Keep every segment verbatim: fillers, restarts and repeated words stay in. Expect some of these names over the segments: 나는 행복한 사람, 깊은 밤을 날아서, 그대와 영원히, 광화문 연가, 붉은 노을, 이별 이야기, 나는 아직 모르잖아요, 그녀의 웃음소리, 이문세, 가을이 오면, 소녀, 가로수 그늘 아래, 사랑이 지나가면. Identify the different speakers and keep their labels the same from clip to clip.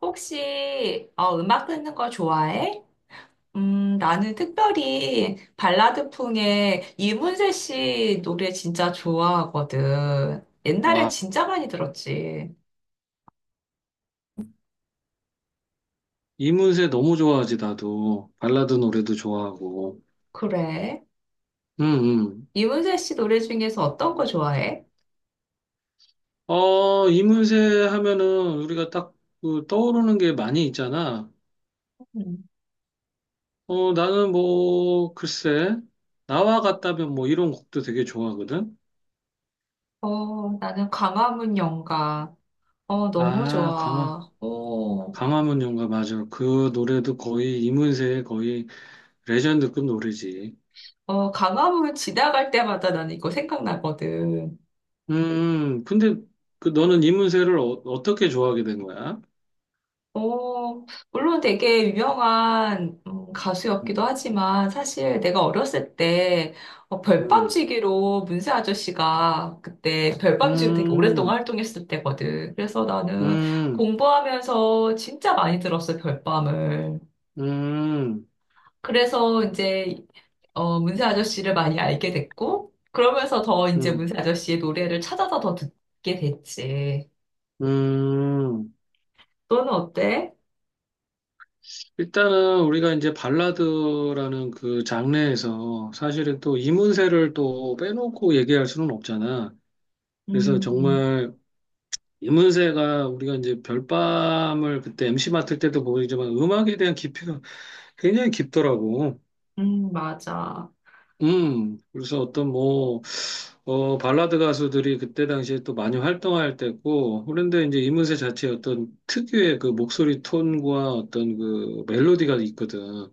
Speaker 1: 혹시 어, 음악 듣는 거 좋아해? 음, 나는 특별히 발라드풍의 이문세 씨 노래 진짜 좋아하거든. 옛날엔
Speaker 2: 와,
Speaker 1: 진짜 많이 들었지.
Speaker 2: 이문세 너무 좋아하지, 나도. 발라드 노래도 좋아하고.
Speaker 1: 그래.
Speaker 2: 음, 음.
Speaker 1: 이문세 씨 노래 중에서 어떤 거 좋아해?
Speaker 2: 어, 이문세 하면은 우리가 딱그 떠오르는 게 많이 있잖아.
Speaker 1: 음.
Speaker 2: 어, 나는 뭐, 글쎄, 나와 같다면 뭐 이런 곡도 되게 좋아하거든.
Speaker 1: 어, 나는 광화문 연가. 어, 너무
Speaker 2: 아, 강화,
Speaker 1: 좋아. 어,
Speaker 2: 강화문 연가, 맞아. 그 노래도 거의 이문세의 거의 레전드급 노래지.
Speaker 1: 어, 광화문 지나갈 때마다 나는 이거 생각나거든.
Speaker 2: 음, 음. 근데 그 너는 이문세를 어, 떻게 좋아하게 된 거야?
Speaker 1: 어, 물론 되게 유명한 음, 가수였기도
Speaker 2: 음,
Speaker 1: 하지만 사실 내가 어렸을 때 어,
Speaker 2: 음,
Speaker 1: 별밤지기로 문세 아저씨가 그때 별밤지기로 되게 오랫동안
Speaker 2: 음.
Speaker 1: 활동했을 때거든. 그래서 나는
Speaker 2: 음,
Speaker 1: 공부하면서 진짜 많이 들었어, 별밤을.
Speaker 2: 음,
Speaker 1: 그래서 이제 어, 문세 아저씨를 많이 알게 됐고 그러면서 더 이제
Speaker 2: 음,
Speaker 1: 문세 아저씨의 노래를 찾아서 더 듣게 됐지.
Speaker 2: 음.
Speaker 1: 너는 어때?
Speaker 2: 일단은 우리가 이제 발라드라는 그 장르에서 사실은 또 이문세를 또 빼놓고 얘기할 수는 없잖아. 그래서
Speaker 1: 음,
Speaker 2: 정말 이문세가 우리가 이제 별밤을 그때 엠씨 맡을 때도 보이지만 음악에 대한 깊이가 굉장히 깊더라고.
Speaker 1: 음, 맞아.
Speaker 2: 음, 그래서 어떤 뭐, 어, 발라드 가수들이 그때 당시에 또 많이 활동할 때고, 그런데 이제 이문세 자체의 어떤 특유의 그 목소리 톤과 어떤 그 멜로디가 있거든.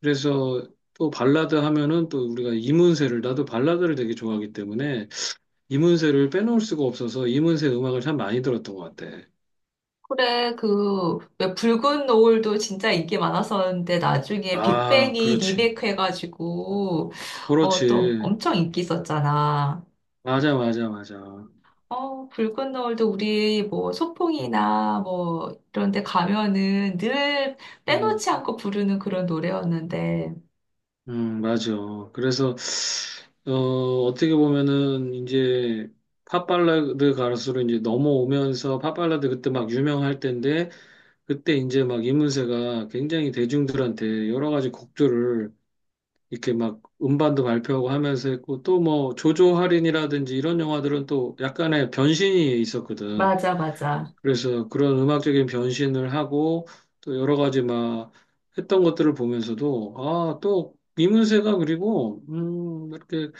Speaker 2: 그래서 또 발라드 하면은 또 우리가 이문세를, 나도 발라드를 되게 좋아하기 때문에 이문세를 빼놓을 수가 없어서 이문세 음악을 참 많이 들었던 것 같아.
Speaker 1: 그래, 그, 왜 붉은 노을도 진짜 인기 많았었는데, 나중에
Speaker 2: 아,
Speaker 1: 빅뱅이
Speaker 2: 그렇지.
Speaker 1: 리메이크해가지고, 어, 또
Speaker 2: 그렇지.
Speaker 1: 엄청 인기 있었잖아.
Speaker 2: 맞아, 맞아, 맞아.
Speaker 1: 어, 붉은 노을도 우리 뭐 소풍이나 뭐 이런 데 가면은 늘
Speaker 2: 음.
Speaker 1: 빼놓지 않고 부르는 그런 노래였는데.
Speaker 2: 음, 맞아. 그래서, 어, 어떻게 보면은, 이제, 팝발라드 가수로 이제 넘어오면서, 팝발라드 그때 막 유명할 때인데, 그때 이제 막 이문세가 굉장히 대중들한테 여러 가지 곡들을 이렇게 막 음반도 발표하고 하면서 했고, 또 뭐, 조조 할인이라든지 이런 영화들은 또 약간의 변신이 있었거든.
Speaker 1: 맞아, 맞아.
Speaker 2: 그래서 그런 음악적인 변신을 하고 또 여러 가지 막 했던 것들을 보면서도 아, 또 이문세가 그리고 음, 이렇게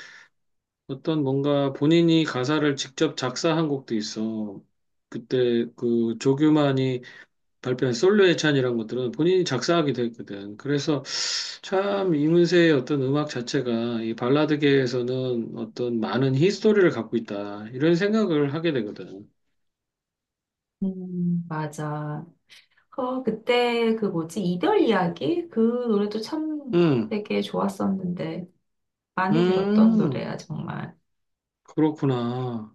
Speaker 2: 어떤 뭔가 본인이 가사를 직접 작사한 곡도 있어. 그때 그 조규만이 발표한 솔로의 찬이란 것들은 본인이 작사하기도 했거든. 그래서 참 이문세의 어떤 음악 자체가 이 발라드계에서는 어떤 많은 히스토리를 갖고 있다. 이런 생각을 하게 되거든.
Speaker 1: 음, 맞아. 어, 그때 그 뭐지? 이별 이야기? 그 노래도 참
Speaker 2: 음.
Speaker 1: 되게 좋았었는데. 많이 들었던
Speaker 2: 음.
Speaker 1: 노래야, 정말.
Speaker 2: 그렇구나.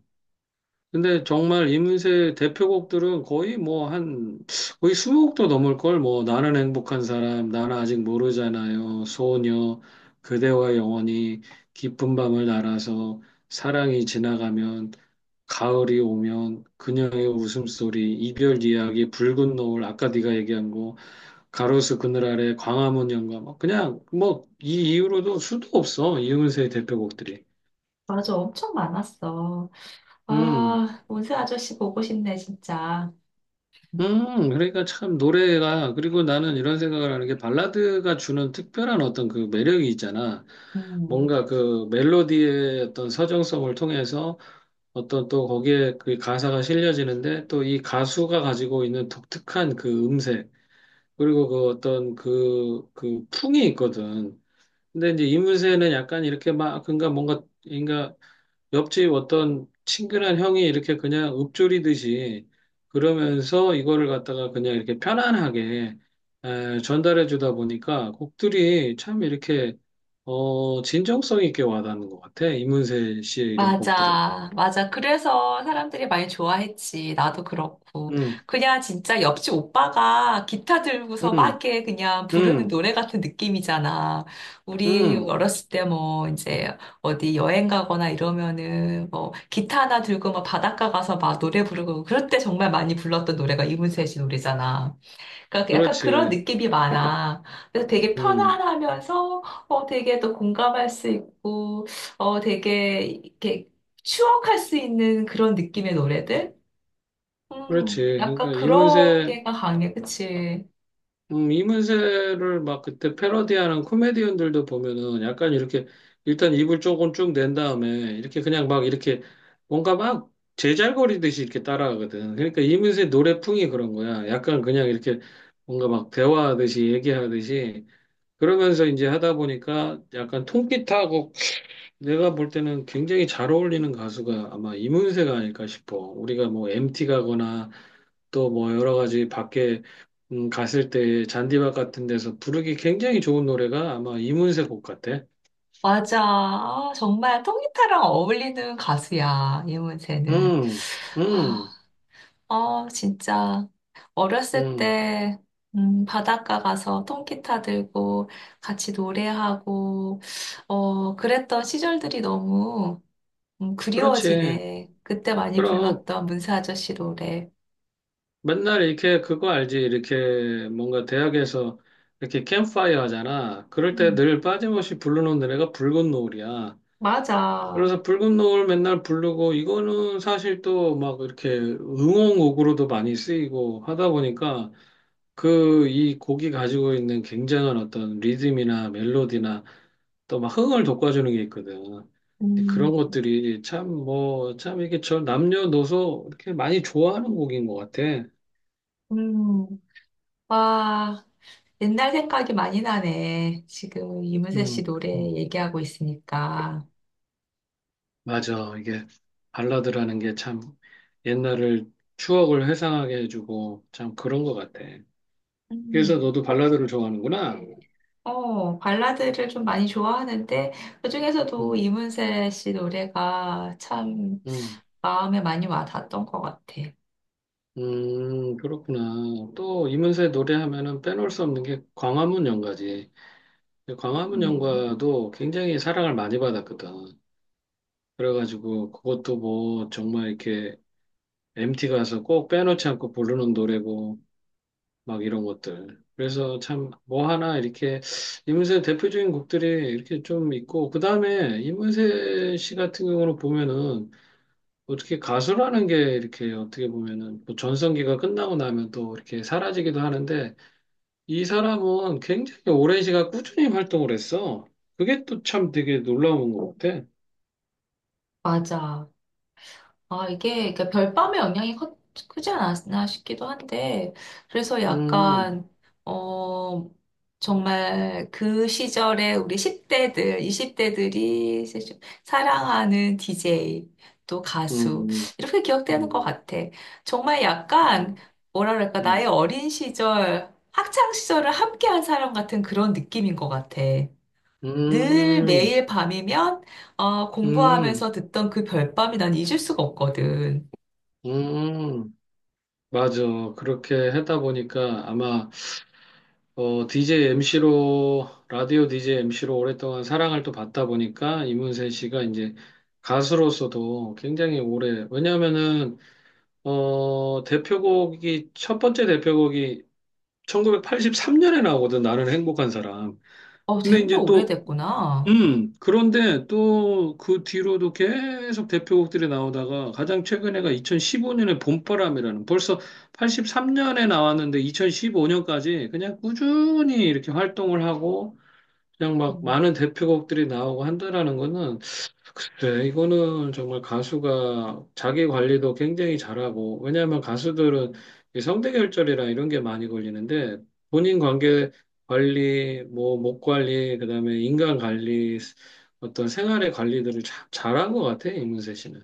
Speaker 2: 근데 정말 이문세의 대표곡들은 거의 뭐 한, 거의 이십 곡도 넘을 걸, 뭐, 나는 행복한 사람, 나는 아직 모르잖아요, 소녀, 그대와 영원히, 깊은 밤을 날아서, 사랑이 지나가면, 가을이 오면, 그녀의 웃음소리, 이별 이야기, 붉은 노을, 아까 네가 얘기한 거, 가로수 그늘 아래, 광화문 연가, 뭐 그냥, 뭐, 이 이후로도 수도 없어, 이문세의 대표곡들이.
Speaker 1: 맞아, 엄청 많았어.
Speaker 2: 음.
Speaker 1: 아, 운세 아저씨 보고 싶네, 진짜.
Speaker 2: 음, 그러니까 참 노래가, 그리고 나는 이런 생각을 하는 게 발라드가 주는 특별한 어떤 그 매력이 있잖아.
Speaker 1: 음,
Speaker 2: 뭔가 그 멜로디의 어떤 서정성을 통해서 어떤 또 거기에 그 가사가 실려지는데 또 이 가수가 가지고 있는 독특한 그 음색, 그리고 그 어떤 그, 그 풍이 있거든. 근데 이제 이문세는 약간 이렇게 막, 그가니까 뭔가, 그러니까 옆집 어떤 친근한 형이 이렇게 그냥 읊조리듯이 그러면서 이거를 갖다가 그냥 이렇게 편안하게 에, 전달해 주다 보니까 곡들이 참 이렇게 어, 진정성 있게 와닿는 것 같아. 이문세 씨의 이런 곡들은.
Speaker 1: 맞아, 맞아. 그래서 사람들이 많이 좋아했지. 나도 그렇고.
Speaker 2: 음,
Speaker 1: 그냥 진짜 옆집 오빠가 기타 들고서 막
Speaker 2: 음,
Speaker 1: 이렇게 그냥 부르는
Speaker 2: 음,
Speaker 1: 노래 같은 느낌이잖아. 우리
Speaker 2: 음,
Speaker 1: 어렸을 때 뭐 이제 어디 여행 가거나 이러면은 뭐 기타 하나 들고 막 바닷가 가서 막 노래 부르고 그럴 때 정말 많이 불렀던 노래가 이문세 씨 노래잖아. 그러니까 그 약간 그런
Speaker 2: 그렇지.
Speaker 1: 느낌이 많아. 그래서 되게
Speaker 2: 음,
Speaker 1: 편안하면서 어 되게 또 공감할 수 있고 어 되게 이렇게 추억할 수 있는 그런 느낌의 노래들?
Speaker 2: 그렇지.
Speaker 1: 음, 약간
Speaker 2: 그러니까
Speaker 1: 그런
Speaker 2: 이문세
Speaker 1: 게가 강해, 그치?
Speaker 2: 음, 이문세를 막 그때 패러디하는 코미디언들도 보면은 약간 이렇게 일단 입을 조금 쭉 낸 다음에 이렇게 그냥 막 이렇게 뭔가 막 제잘거리듯이 이렇게 따라하거든. 그러니까 이문세 노래풍이 그런 거야. 약간 그냥 이렇게 뭔가 막 대화하듯이 얘기하듯이 그러면서 이제 하다 보니까 약간 통기타하고 내가 볼 때는 굉장히 잘 어울리는 가수가 아마 이문세가 아닐까 싶어. 우리가 뭐 엠티 가거나 또 뭐 여러 가지 밖에 음, 갔을 때 잔디밭 같은 데서 부르기 굉장히 좋은 노래가 아마 이문세 곡 같아.
Speaker 1: 맞아. 아, 정말 통기타랑 어울리는 가수야, 이문세는.
Speaker 2: 음,
Speaker 1: 아,
Speaker 2: 음,
Speaker 1: 어, 진짜. 어렸을
Speaker 2: 음.
Speaker 1: 때, 음, 바닷가 가서 통기타 들고 같이 노래하고, 어, 그랬던 시절들이 너무, 음,
Speaker 2: 그렇지.
Speaker 1: 그리워지네. 그때 많이
Speaker 2: 그럼
Speaker 1: 불렀던 문세 아저씨 노래.
Speaker 2: 맨날 이렇게 그거 알지? 이렇게 뭔가 대학에서 이렇게 캠프파이어 하잖아. 그럴 때
Speaker 1: 음,
Speaker 2: 늘 빠짐없이 부르는 노래가 붉은 노을이야.
Speaker 1: 맞아.
Speaker 2: 그래서 붉은 노을 맨날 부르고 이거는 사실 또 막 이렇게 응원곡으로도 많이 쓰이고 하다 보니까 그 이 곡이 가지고 있는 굉장한 어떤 리듬이나 멜로디나 또 막 흥을 돋궈주는 게 있거든. 근데 그런
Speaker 1: 음,
Speaker 2: 것들이 참 뭐, 참 이게 저 남녀노소 이렇게 많이 좋아하는 곡인 것 같아.
Speaker 1: 음, 와, 옛날 생각이 많이 나네. 지금 이문세 씨
Speaker 2: 음,
Speaker 1: 노래
Speaker 2: 음.
Speaker 1: 얘기하고 있으니까.
Speaker 2: 맞아. 이게 발라드라는 게 참 옛날을 추억을 회상하게 해주고 참 그런 것 같아. 그래서
Speaker 1: 음.
Speaker 2: 너도 발라드를 좋아하는구나.
Speaker 1: 어, 발라드를 좀 많이 좋아하는데, 그중에서도
Speaker 2: 음,
Speaker 1: 이문세 씨 노래가 참
Speaker 2: 음,
Speaker 1: 마음에 많이 와닿았던 것 같아.
Speaker 2: 음, 그렇구나. 또 이문세 노래하면은 빼놓을 수 없는 게 광화문 연가지. 근데 광화문
Speaker 1: 음.
Speaker 2: 연가도 굉장히 사랑을 많이 받았거든. 그래가지고 그것도 뭐 정말 이렇게 엠티 가서 꼭 빼놓지 않고 부르는 노래고 막 이런 것들. 그래서 참 뭐 하나 이렇게 이문세 대표적인 곡들이 이렇게 좀 있고 그 다음에 이문세 씨 같은 경우는 보면은 어떻게 가수라는 게 이렇게 어떻게 보면은 뭐 전성기가 끝나고 나면 또 이렇게 사라지기도 하는데 이 사람은 굉장히 오랜 시간 꾸준히 활동을 했어. 그게 또 참 되게 놀라운 것 같아.
Speaker 1: 맞아. 아, 이게 그러니까 별밤의 영향이 커, 크지 않았나 싶기도 한데, 그래서
Speaker 2: 음,
Speaker 1: 약간, 어, 정말 그 시절에 우리 십 대들, 이십 대들이 사랑하는 디제이, 또 가수,
Speaker 2: 음,
Speaker 1: 이렇게 기억되는 것
Speaker 2: 음,
Speaker 1: 같아. 정말
Speaker 2: 음,
Speaker 1: 약간, 뭐라 그럴까, 나의
Speaker 2: 음,
Speaker 1: 어린 시절, 학창 시절을 함께한 사람 같은 그런 느낌인 것 같아. 늘
Speaker 2: 음,
Speaker 1: 매일 밤이면 어,
Speaker 2: 음,
Speaker 1: 공부하면서 듣던 그 별밤이 난 잊을 수가 없거든.
Speaker 2: 음. 맞아. 그렇게 하다 보니까 아마 어, 디제이 엠씨로 라디오 디제이 엠씨로 오랫동안 사랑을 또 받다 보니까 이문세 씨가 이제 가수로서도 굉장히 오래 왜냐하면은 어, 대표곡이, 첫 번째 대표곡이 천구백팔십삼 년에 나오거든, 나는 행복한 사람.
Speaker 1: 어,
Speaker 2: 근데
Speaker 1: 된지
Speaker 2: 이제 또,
Speaker 1: 오래됐구나.
Speaker 2: 음, 그런데 또 그 뒤로도 계속 대표곡들이 나오다가 가장 최근에가 이천십오 년에 봄바람이라는 벌써 팔십삼 년에 나왔는데 이천십오 년까지 그냥 꾸준히 이렇게 활동을 하고 그냥 막 많은
Speaker 1: 음,
Speaker 2: 대표곡들이 나오고 한다라는 거는 그래, 이거는 정말 가수가 자기 관리도 굉장히 잘하고, 왜냐하면 가수들은 이 성대결절이랑 이런 게 많이 걸리는데, 본인 관계 관리, 뭐, 목 관리, 그다음에 인간 관리, 어떤 생활의 관리들을 참 잘한 것 같아, 이문세 씨는.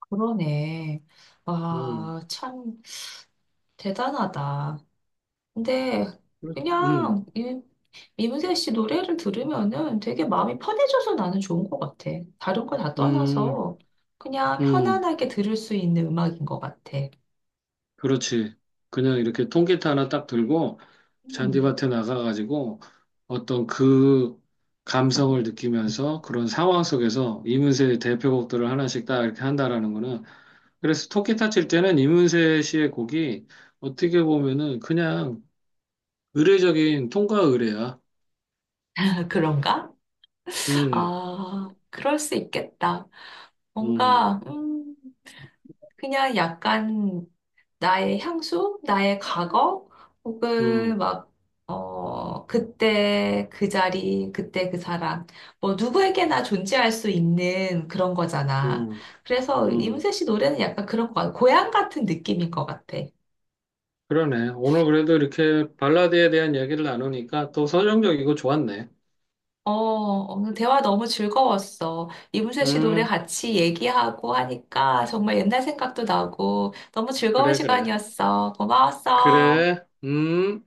Speaker 1: 그러네.
Speaker 2: 음,
Speaker 1: 와, 참 대단하다. 근데
Speaker 2: 음,
Speaker 1: 그냥 이, 이문세 씨 노래를 들으면은 되게 마음이 편해져서 나는 좋은 것 같아. 다른 거 다
Speaker 2: 음,
Speaker 1: 떠나서 그냥
Speaker 2: 음.
Speaker 1: 편안하게 들을 수 있는 음악인 것 같아.
Speaker 2: 그렇지. 그냥 이렇게 통기타 하나 딱 들고
Speaker 1: 음,
Speaker 2: 잔디밭에 나가가지고 어떤 그 감성을 느끼면서 그런 상황 속에서 이문세의 대표곡들을 하나씩 딱 이렇게 한다라는 거는 그래서 통기타 칠 때는 이문세 씨의 곡이 어떻게 보면은 그냥 의례적인 통과 의례야.
Speaker 1: 그런가?
Speaker 2: 음,
Speaker 1: 아, 그럴 수 있겠다.
Speaker 2: 음,
Speaker 1: 뭔가, 음, 그냥 약간 나의 향수, 나의 과거,
Speaker 2: 음,
Speaker 1: 혹은 막, 어, 그때 그 자리, 그때 그 사람, 뭐 누구에게나 존재할 수 있는 그런 거잖아.
Speaker 2: 음,
Speaker 1: 그래서
Speaker 2: 음.
Speaker 1: 이문세 씨 노래는 약간 그런 거 같아. 고향 같은 느낌인 것 같아.
Speaker 2: 그러네. 오늘 그래도 이렇게 발라드에 대한 얘기를 나누니까 또 서정적이고 좋았네.
Speaker 1: 어, 오늘 대화 너무 즐거웠어. 이문세 씨 노래
Speaker 2: 음,
Speaker 1: 같이 얘기하고 하니까 정말 옛날 생각도 나고 너무 즐거운
Speaker 2: 그래, 그래.
Speaker 1: 시간이었어. 고마웠어.
Speaker 2: 그래, 음.